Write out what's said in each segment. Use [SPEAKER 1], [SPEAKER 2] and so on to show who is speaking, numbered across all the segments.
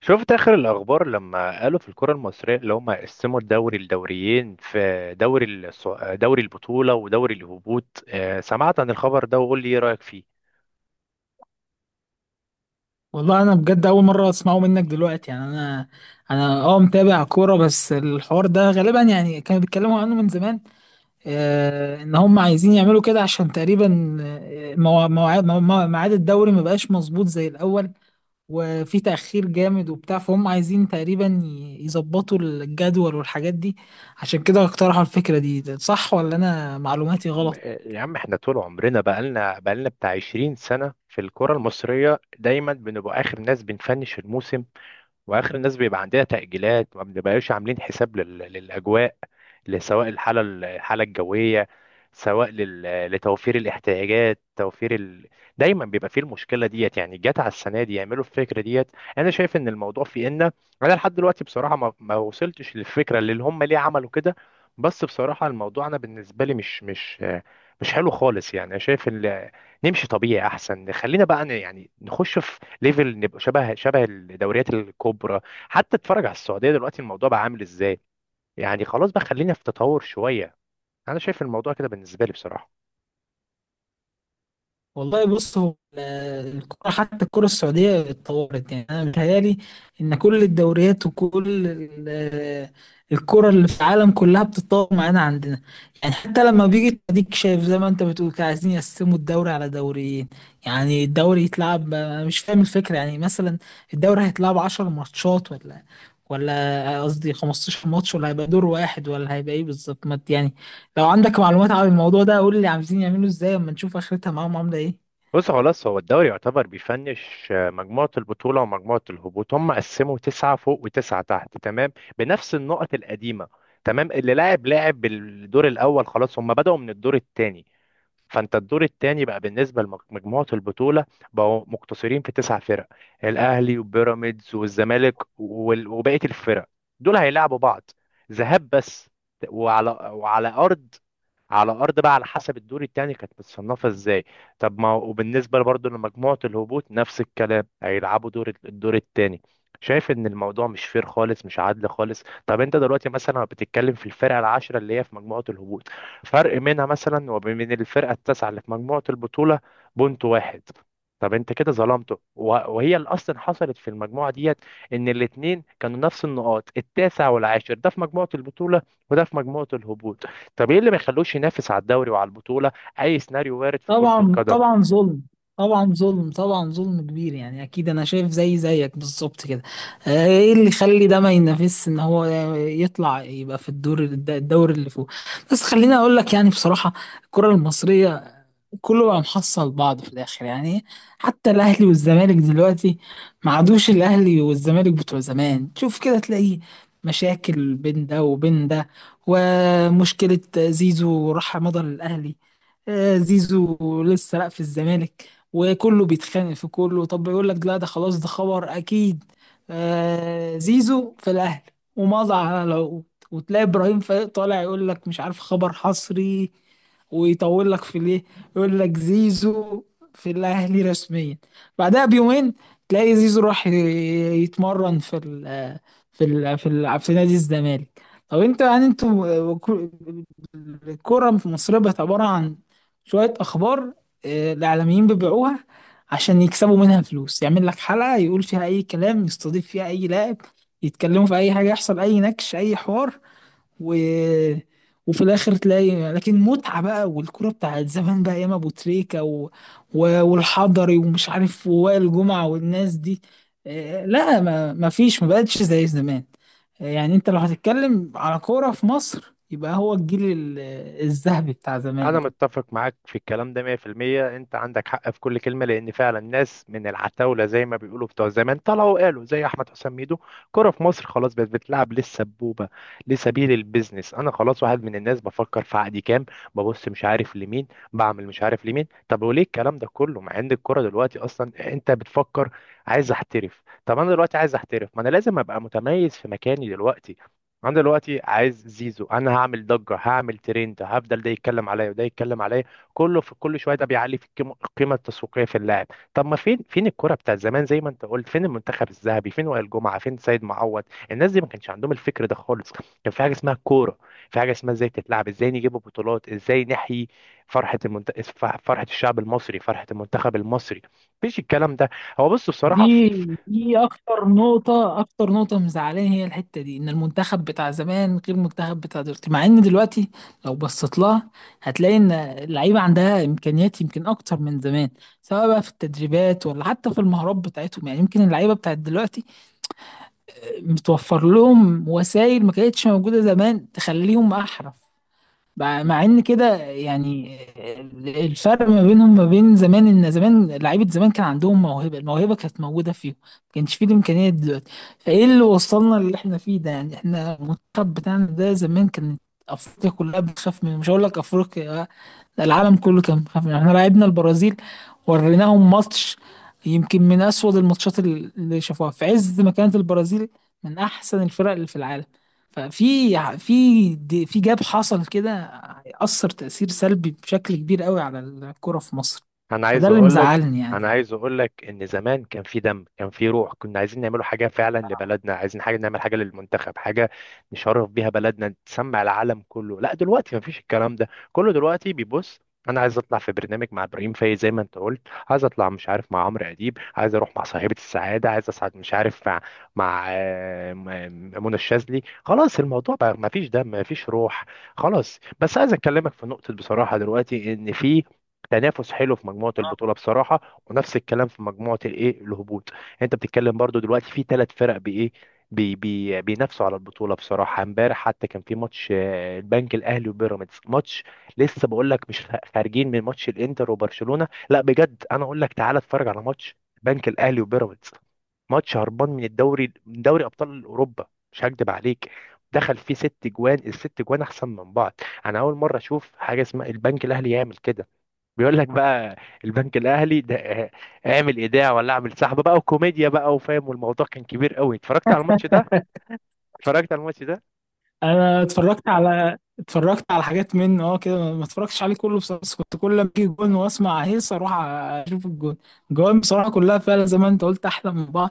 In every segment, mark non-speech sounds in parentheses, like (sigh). [SPEAKER 1] شفت اخر الاخبار لما قالوا في الكره المصريه اللي هم قسموا الدوري لدوريين في دوري دوري البطوله ودوري الهبوط، سمعت عن الخبر ده وقول لي ايه رايك فيه.
[SPEAKER 2] والله انا بجد اول مره اسمعه منك دلوقتي يعني انا متابع كوره. بس الحوار ده غالبا يعني كانوا بيتكلموا عنه من زمان، آه ان هم عايزين يعملوا كده عشان تقريبا مواعيد ميعاد الدوري ما بقاش مظبوط زي الاول، وفي تاخير جامد وبتاع، فهم عايزين تقريبا يظبطوا الجدول والحاجات دي. عشان كده اقترحوا الفكره دي. ده صح ولا انا معلوماتي غلط؟
[SPEAKER 1] يا عم احنا طول عمرنا بقالنا بتاع 20 سنه في الكره المصريه، دايما بنبقى اخر ناس بنفنش الموسم، واخر الناس بيبقى عندها تأجيلات. ما بنبقاش عاملين حساب للاجواء، سواء الحاله الجويه، سواء لتوفير الاحتياجات، دايما بيبقى فيه المشكله ديت. يعني جت على السنه دي يعملوا الفكره ديت. انا شايف ان الموضوع في ان، انا لحد دلوقتي بصراحه ما وصلتش للفكره اللي هم ليه عملوا كده. بس بصراحه الموضوع انا بالنسبه لي مش حلو خالص. يعني انا شايف ان نمشي طبيعي احسن. خلينا بقى يعني نخش في ليفل، نبقى شبه الدوريات الكبرى. حتى اتفرج على السعوديه دلوقتي الموضوع بقى عامل ازاي. يعني خلاص بقى، خلينا في تطور شويه. انا شايف الموضوع كده بالنسبه لي بصراحه.
[SPEAKER 2] والله بص، هو الكرة حتى الكرة السعودية اتطورت، يعني أنا متهيألي إن كل الدوريات ال- الكرة اللي في العالم كلها بتتطور معانا عندنا. يعني حتى لما بيجي أديك شايف زي ما أنت بتقول كده، عايزين يقسموا الدوري على دوريين. يعني الدوري يتلعب، أنا مش فاهم الفكرة، يعني مثلا الدوري هيتلعب 10 ماتشات ولا قصدي 15 ماتش، ولا هيبقى دور واحد، ولا هيبقى إيه بالظبط؟ ما ت- يعني لو عندك معلومات عن الموضوع ده قول لي عايزين يعملوا إزاي أما نشوف آخرتها معاهم عاملة إيه.
[SPEAKER 1] بص، خلاص هو الدوري يعتبر بيفنش، مجموعه البطوله ومجموعه الهبوط. هم قسموا تسعه فوق وتسعه تحت، تمام، بنفس النقط القديمه. تمام، اللي لاعب بالدور الاول خلاص. هم بدأوا من الدور الثاني. فانت الدور الثاني بقى بالنسبه لمجموعه البطوله بقوا مقتصرين في تسع فرق: الاهلي وبيراميدز والزمالك وبقيه الفرق. دول هيلعبوا بعض ذهاب بس، وعلى ارض، على ارض بقى على حسب الدور التاني كانت متصنفه ازاي. طب ما هو- وبالنسبه برضه لمجموعه الهبوط نفس الكلام، هيلعبوا دور الدور التاني. شايف ان الموضوع مش فير خالص، مش عادل خالص. طب انت دلوقتي مثلا بتتكلم في الفرقه العاشره اللي هي في مجموعه الهبوط، فرق منها مثلا وبين الفرقه التاسعه اللي في مجموعه البطوله بونت واحد. طب انت كده ظلمته، وهي اللي اصلا حصلت في المجموعه ديت، ان الاثنين كانوا نفس النقاط، التاسع والعاشر، ده في مجموعه البطوله وده في مجموعه الهبوط. طب ايه اللي ما يخلوش ينافس على الدوري وعلى البطولة؟ اي سيناريو وارد في كرة
[SPEAKER 2] طبعا
[SPEAKER 1] القدم.
[SPEAKER 2] طبعا ظلم، طبعا ظلم، طبعا ظلم كبير، يعني اكيد انا شايف زي زيك بالظبط كده. آه، ايه اللي يخلي ده ما ينافسش، ان هو يطلع يبقى في الدور اللي فوق. بس خليني اقول لك يعني بصراحة، الكرة المصرية كله بقى محصل بعض في الاخر يعني. حتى الاهلي والزمالك دلوقتي ما عادوش الاهلي والزمالك بتوع زمان. تشوف كده تلاقيه مشاكل بين ده وبين ده، ومشكلة زيزو راح مضى للأهلي. آه، زيزو لسه لا في الزمالك وكله بيتخانق في كله. طب يقول لك لا، ده خلاص، ده خبر اكيد، آه، زيزو في الاهلي ومضى على العقود. وتلاقي ابراهيم فايق طالع يقول لك مش عارف خبر حصري ويطول لك في ليه، يقول لك زيزو في الاهلي رسميا. بعدها بيومين تلاقي زيزو راح يتمرن في نادي الزمالك. طب انت يعني انتوا، الكرة في مصر بقت عبارة عن شوية أخبار، آه، الإعلاميين بيبيعوها عشان يكسبوا منها فلوس. يعمل لك حلقة يقول فيها أي كلام، يستضيف فيها أي لاعب، يتكلموا في أي حاجة، يحصل أي نكش أي حوار، و... وفي الاخر تلاقي لكن متعه بقى، والكوره بتاعت زمان بقى ايام ابو تريكه والحضري ومش عارف ووائل جمعه والناس دي. آه، لا، ما فيش، ما بقتش زي زمان. آه، يعني انت لو هتتكلم على كوره في مصر يبقى هو الذهبي بتاع زمان
[SPEAKER 1] انا
[SPEAKER 2] ده.
[SPEAKER 1] متفق معاك في الكلام ده 100%. انت عندك حق في كل كلمة، لان فعلا ناس من العتاولة زي ما بيقولوا بتوع زمان طلعوا قالوا، زي احمد حسام ميدو، كرة في مصر خلاص بقت بتلعب للسبوبة، لسبيل البيزنس. انا خلاص واحد من الناس بفكر في عقدي كام، ببص مش عارف لمين، بعمل مش عارف لمين. طب وليه الكلام ده كله؟ مع ان الكرة دلوقتي اصلا انت بتفكر عايز احترف. طب انا دلوقتي عايز احترف، ما انا لازم ابقى متميز في مكاني دلوقتي. انا دلوقتي عايز زيزو، انا هعمل ضجه، هعمل ترند، هفضل ده يتكلم عليا وده يتكلم عليا كله في كل شويه، ده بيعلي في القيمة التسويقيه في اللاعب. طب ما فين فين الكره بتاع زمان زي ما انت قلت؟ فين المنتخب الذهبي؟ فين وائل جمعه؟ فين سيد معوض؟ الناس دي ما كانش عندهم الفكر ده خالص. كان في حاجه اسمها كوره، في حاجه اسمها ازاي تتلعب، ازاي نجيب بطولات، ازاي نحيي فرحه المنت... فرحه الشعب المصري، فرحه المنتخب المصري. مفيش الكلام ده. هو بص بصراحه،
[SPEAKER 2] دي دي اكتر نقطة، اكتر نقطة مزعلاني هي الحتة دي، ان المنتخب بتاع زمان غير المنتخب بتاع دلوقتي. مع ان دلوقتي لو بصيت لها هتلاقي ان اللعيبة عندها امكانيات يمكن اكتر من زمان، سواء بقى في التدريبات ولا حتى في المهارات بتاعتهم. يعني يمكن اللعيبة بتاعت دلوقتي متوفر لهم وسائل ما كانتش موجودة زمان تخليهم احرف، مع ان كده يعني. الفرق ما بينهم ما بين زمان ان زمان لعيبه زمان كان عندهم موهبه، الموهبه كانت موجوده فيهم، ما كانش فيه الامكانيات دلوقتي. فايه اللي وصلنا اللي احنا فيه ده يعني؟ احنا المنتخب بتاعنا ده زمان كانت افريقيا كلها بتخاف منه، مش هقول لك افريقيا، ده العالم كله كان خايف مننا. احنا لعبنا البرازيل وريناهم ماتش يمكن من اسود اللي شافوها في عز ما كانت البرازيل من احسن الفرق اللي في العالم. في جاب حصل كده هيأثر تأثير سلبي بشكل كبير قوي على الكرة في مصر.
[SPEAKER 1] انا عايز
[SPEAKER 2] فده اللي
[SPEAKER 1] اقول لك
[SPEAKER 2] مزعلني
[SPEAKER 1] انا
[SPEAKER 2] يعني.
[SPEAKER 1] عايز اقول لك ان زمان كان في دم، كان في روح، كنا عايزين نعملوا حاجه فعلا لبلدنا، عايزين حاجه نعمل حاجه للمنتخب، حاجه نشرف بيها بلدنا، تسمع العالم كله. لا دلوقتي مفيش الكلام ده كله. دلوقتي بيبص: انا عايز اطلع في برنامج مع ابراهيم فايز زي ما انت قلت، عايز اطلع مش عارف مع عمرو اديب، عايز اروح مع صاحبه السعاده، عايز اصعد مش عارف مع منى الشاذلي. خلاص الموضوع بقى مفيش دم مفيش روح. خلاص بس عايز اكلمك في نقطه بصراحه: دلوقتي ان في تنافس حلو في مجموعه البطوله بصراحه، ونفس الكلام في مجموعه الايه الهبوط. انت بتتكلم برضو دلوقتي في ثلاث فرق بايه، بي بينافسوا على البطوله. بصراحه امبارح حتى كان في ماتش البنك الاهلي وبيراميدز، ماتش لسه بقول لك، مش خارجين من ماتش الانتر وبرشلونه. لا بجد انا اقول لك تعالى اتفرج على ماتش البنك الاهلي وبيراميدز، ماتش هربان من الدوري، من دوري ابطال اوروبا. مش هكدب عليك، دخل فيه ست جوان، الست جوان احسن من بعض. انا اول مره اشوف حاجه اسمها البنك الاهلي يعمل كده. بيقول لك بقى البنك الاهلي ده، اعمل ايداع ولا اعمل سحب بقى، وكوميديا بقى وفاهم، والموضوع كان كبير قوي. اتفرجت على الماتش ده.
[SPEAKER 2] انا اتفرجت على حاجات منه اه كده، ما اتفرجتش عليه كله بصراحه، بس كنت كل ما اجي جون واسمع هيص اروح اشوف الجون. الجوان بصراحه كلها فعلا زي ما انت قلت احلى من بعض.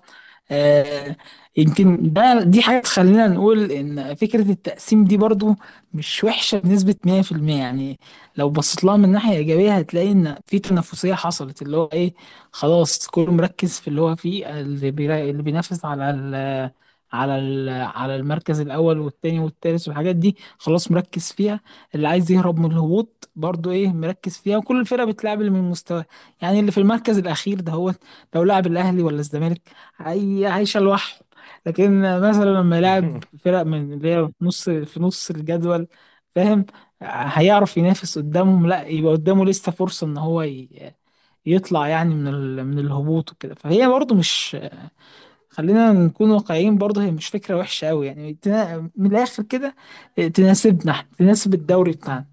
[SPEAKER 2] آه، يمكن ده دي حاجه تخلينا نقول ان فكره التقسيم دي برضو مش وحشه بنسبه 100%. يعني لو بصيت لها من ناحيه ايجابيه هتلاقي ان في تنافسيه حصلت، اللي هو ايه، خلاص كله مركز في اللي هو فيه. اللي بينافس على على المركز الاول والتاني والتالت والحاجات دي خلاص مركز فيها. اللي عايز يهرب من الهبوط برضو ايه مركز فيها، وكل الفرق بتلعب اللي من مستواه. يعني اللي في المركز الاخير ده هو لو لعب الاهلي ولا الزمالك هي عايشه لوحده. لكن مثلا لما يلعب
[SPEAKER 1] (laughs)
[SPEAKER 2] فرق من اللي هي في نص الجدول، فاهم، هيعرف ينافس قدامهم. لا يبقى قدامه لسه فرصه ان هو يطلع يعني من الهبوط وكده. فهي برضو مش، خلينا نكون واقعيين برضه، هي مش فكرة وحشة أوي يعني. من الآخر كده، آه، تناسبنا احنا، تناسب الدوري بتاعنا.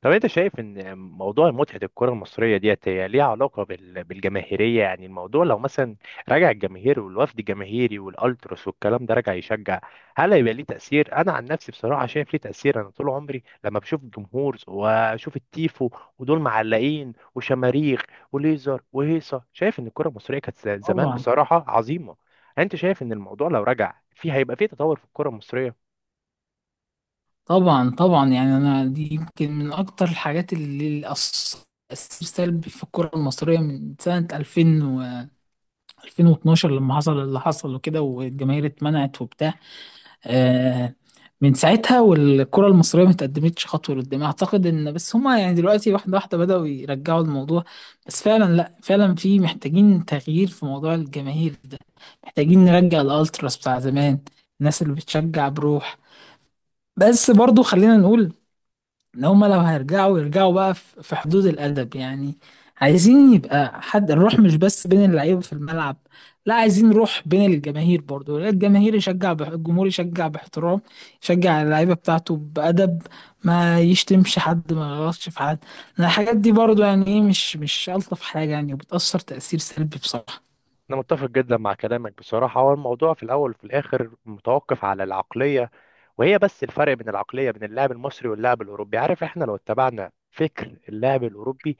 [SPEAKER 1] طب انت شايف ان موضوع متعة الكرة المصرية ديت هي ليها علاقة بالجماهيرية؟ يعني الموضوع لو مثلا رجع الجماهير والوفد الجماهيري والالتراس والكلام ده رجع يشجع، هل هيبقى ليه تأثير؟ انا عن نفسي بصراحة شايف ليه تأثير. انا طول عمري لما بشوف الجمهور واشوف التيفو ودول معلقين وشماريخ وليزر وهيصة، شايف ان الكرة المصرية كانت زمان
[SPEAKER 2] طبعا
[SPEAKER 1] بصراحة عظيمة. انت شايف ان الموضوع لو رجع في هيبقى فيه تطور في الكرة المصرية؟
[SPEAKER 2] طبعا طبعا، يعني أنا دي يمكن من أكتر الحاجات اللي أثرت تأثير سلبي في الكرة المصرية. من سنة 2000 و 2012 لما حصل اللي حصل وكده والجماهير اتمنعت وبتاع، آه، من ساعتها والكرة المصرية ما تقدمتش خطوة لقدام. أعتقد إن بس هما يعني دلوقتي واحدة واحدة بدأوا يرجعوا الموضوع، بس فعلا، لأ فعلا، في محتاجين تغيير في موضوع الجماهير ده. محتاجين نرجع الألتراس بتاع زمان، الناس اللي بتشجع بروح. بس برضو خلينا نقول ان هما لو هيرجعوا يرجعوا بقى في حدود الادب يعني. عايزين يبقى حد الروح مش بس بين اللعيبه في الملعب، لا عايزين روح بين الجماهير برضو. لا، الجماهير يشجع الجمهور يشجع باحترام، يشجع اللعيبه بتاعته بادب، ما يشتمش حد، ما يغلطش في حد. لأن الحاجات دي برضو يعني ايه مش، مش الطف حاجه يعني، وبتاثر تاثير سلبي بصراحه.
[SPEAKER 1] أنا متفق جدا مع كلامك بصراحة. هو الموضوع في الأول وفي الآخر متوقف على العقلية، وهي بس الفرق بين العقلية بين اللاعب المصري واللاعب الأوروبي. عارف إحنا لو اتبعنا فكر اللاعب الأوروبي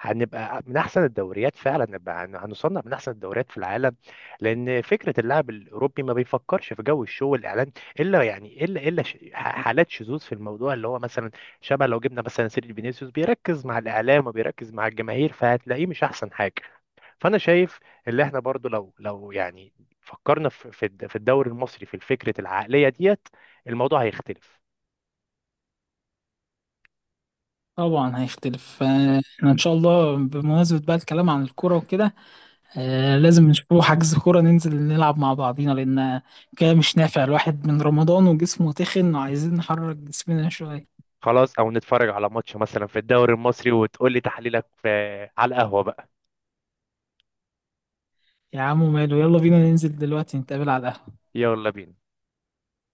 [SPEAKER 1] هنبقى من أحسن الدوريات، فعلا نبقى هنصنف من أحسن الدوريات في العالم. لأن فكرة اللاعب الأوروبي ما بيفكرش في جو الشو والإعلان، إلا يعني حالات شذوذ في الموضوع، اللي هو مثلا شبه لو جبنا مثلا سيرجي فينيسيوس بيركز مع الإعلام وبيركز مع الجماهير، فهتلاقيه مش أحسن حاجة. فانا شايف اللي احنا برضو لو يعني فكرنا في الدوري المصري في فكره العقليه ديت، الموضوع هيختلف.
[SPEAKER 2] طبعا هيختلف. آه، احنا ان شاء الله بمناسبه بقى الكلام عن الكوره وكده، آه لازم نشوفه حجز كورة ننزل نلعب مع بعضينا، لأن كده مش نافع، الواحد من رمضان وجسمه تخن وعايزين نحرك جسمنا شوية.
[SPEAKER 1] خلاص او نتفرج على ماتش مثلا في الدوري المصري وتقول لي تحليلك في، على القهوه بقى.
[SPEAKER 2] يا عم ماله، يلا بينا ننزل دلوقتي نتقابل على القهوة.
[SPEAKER 1] يلا بينا.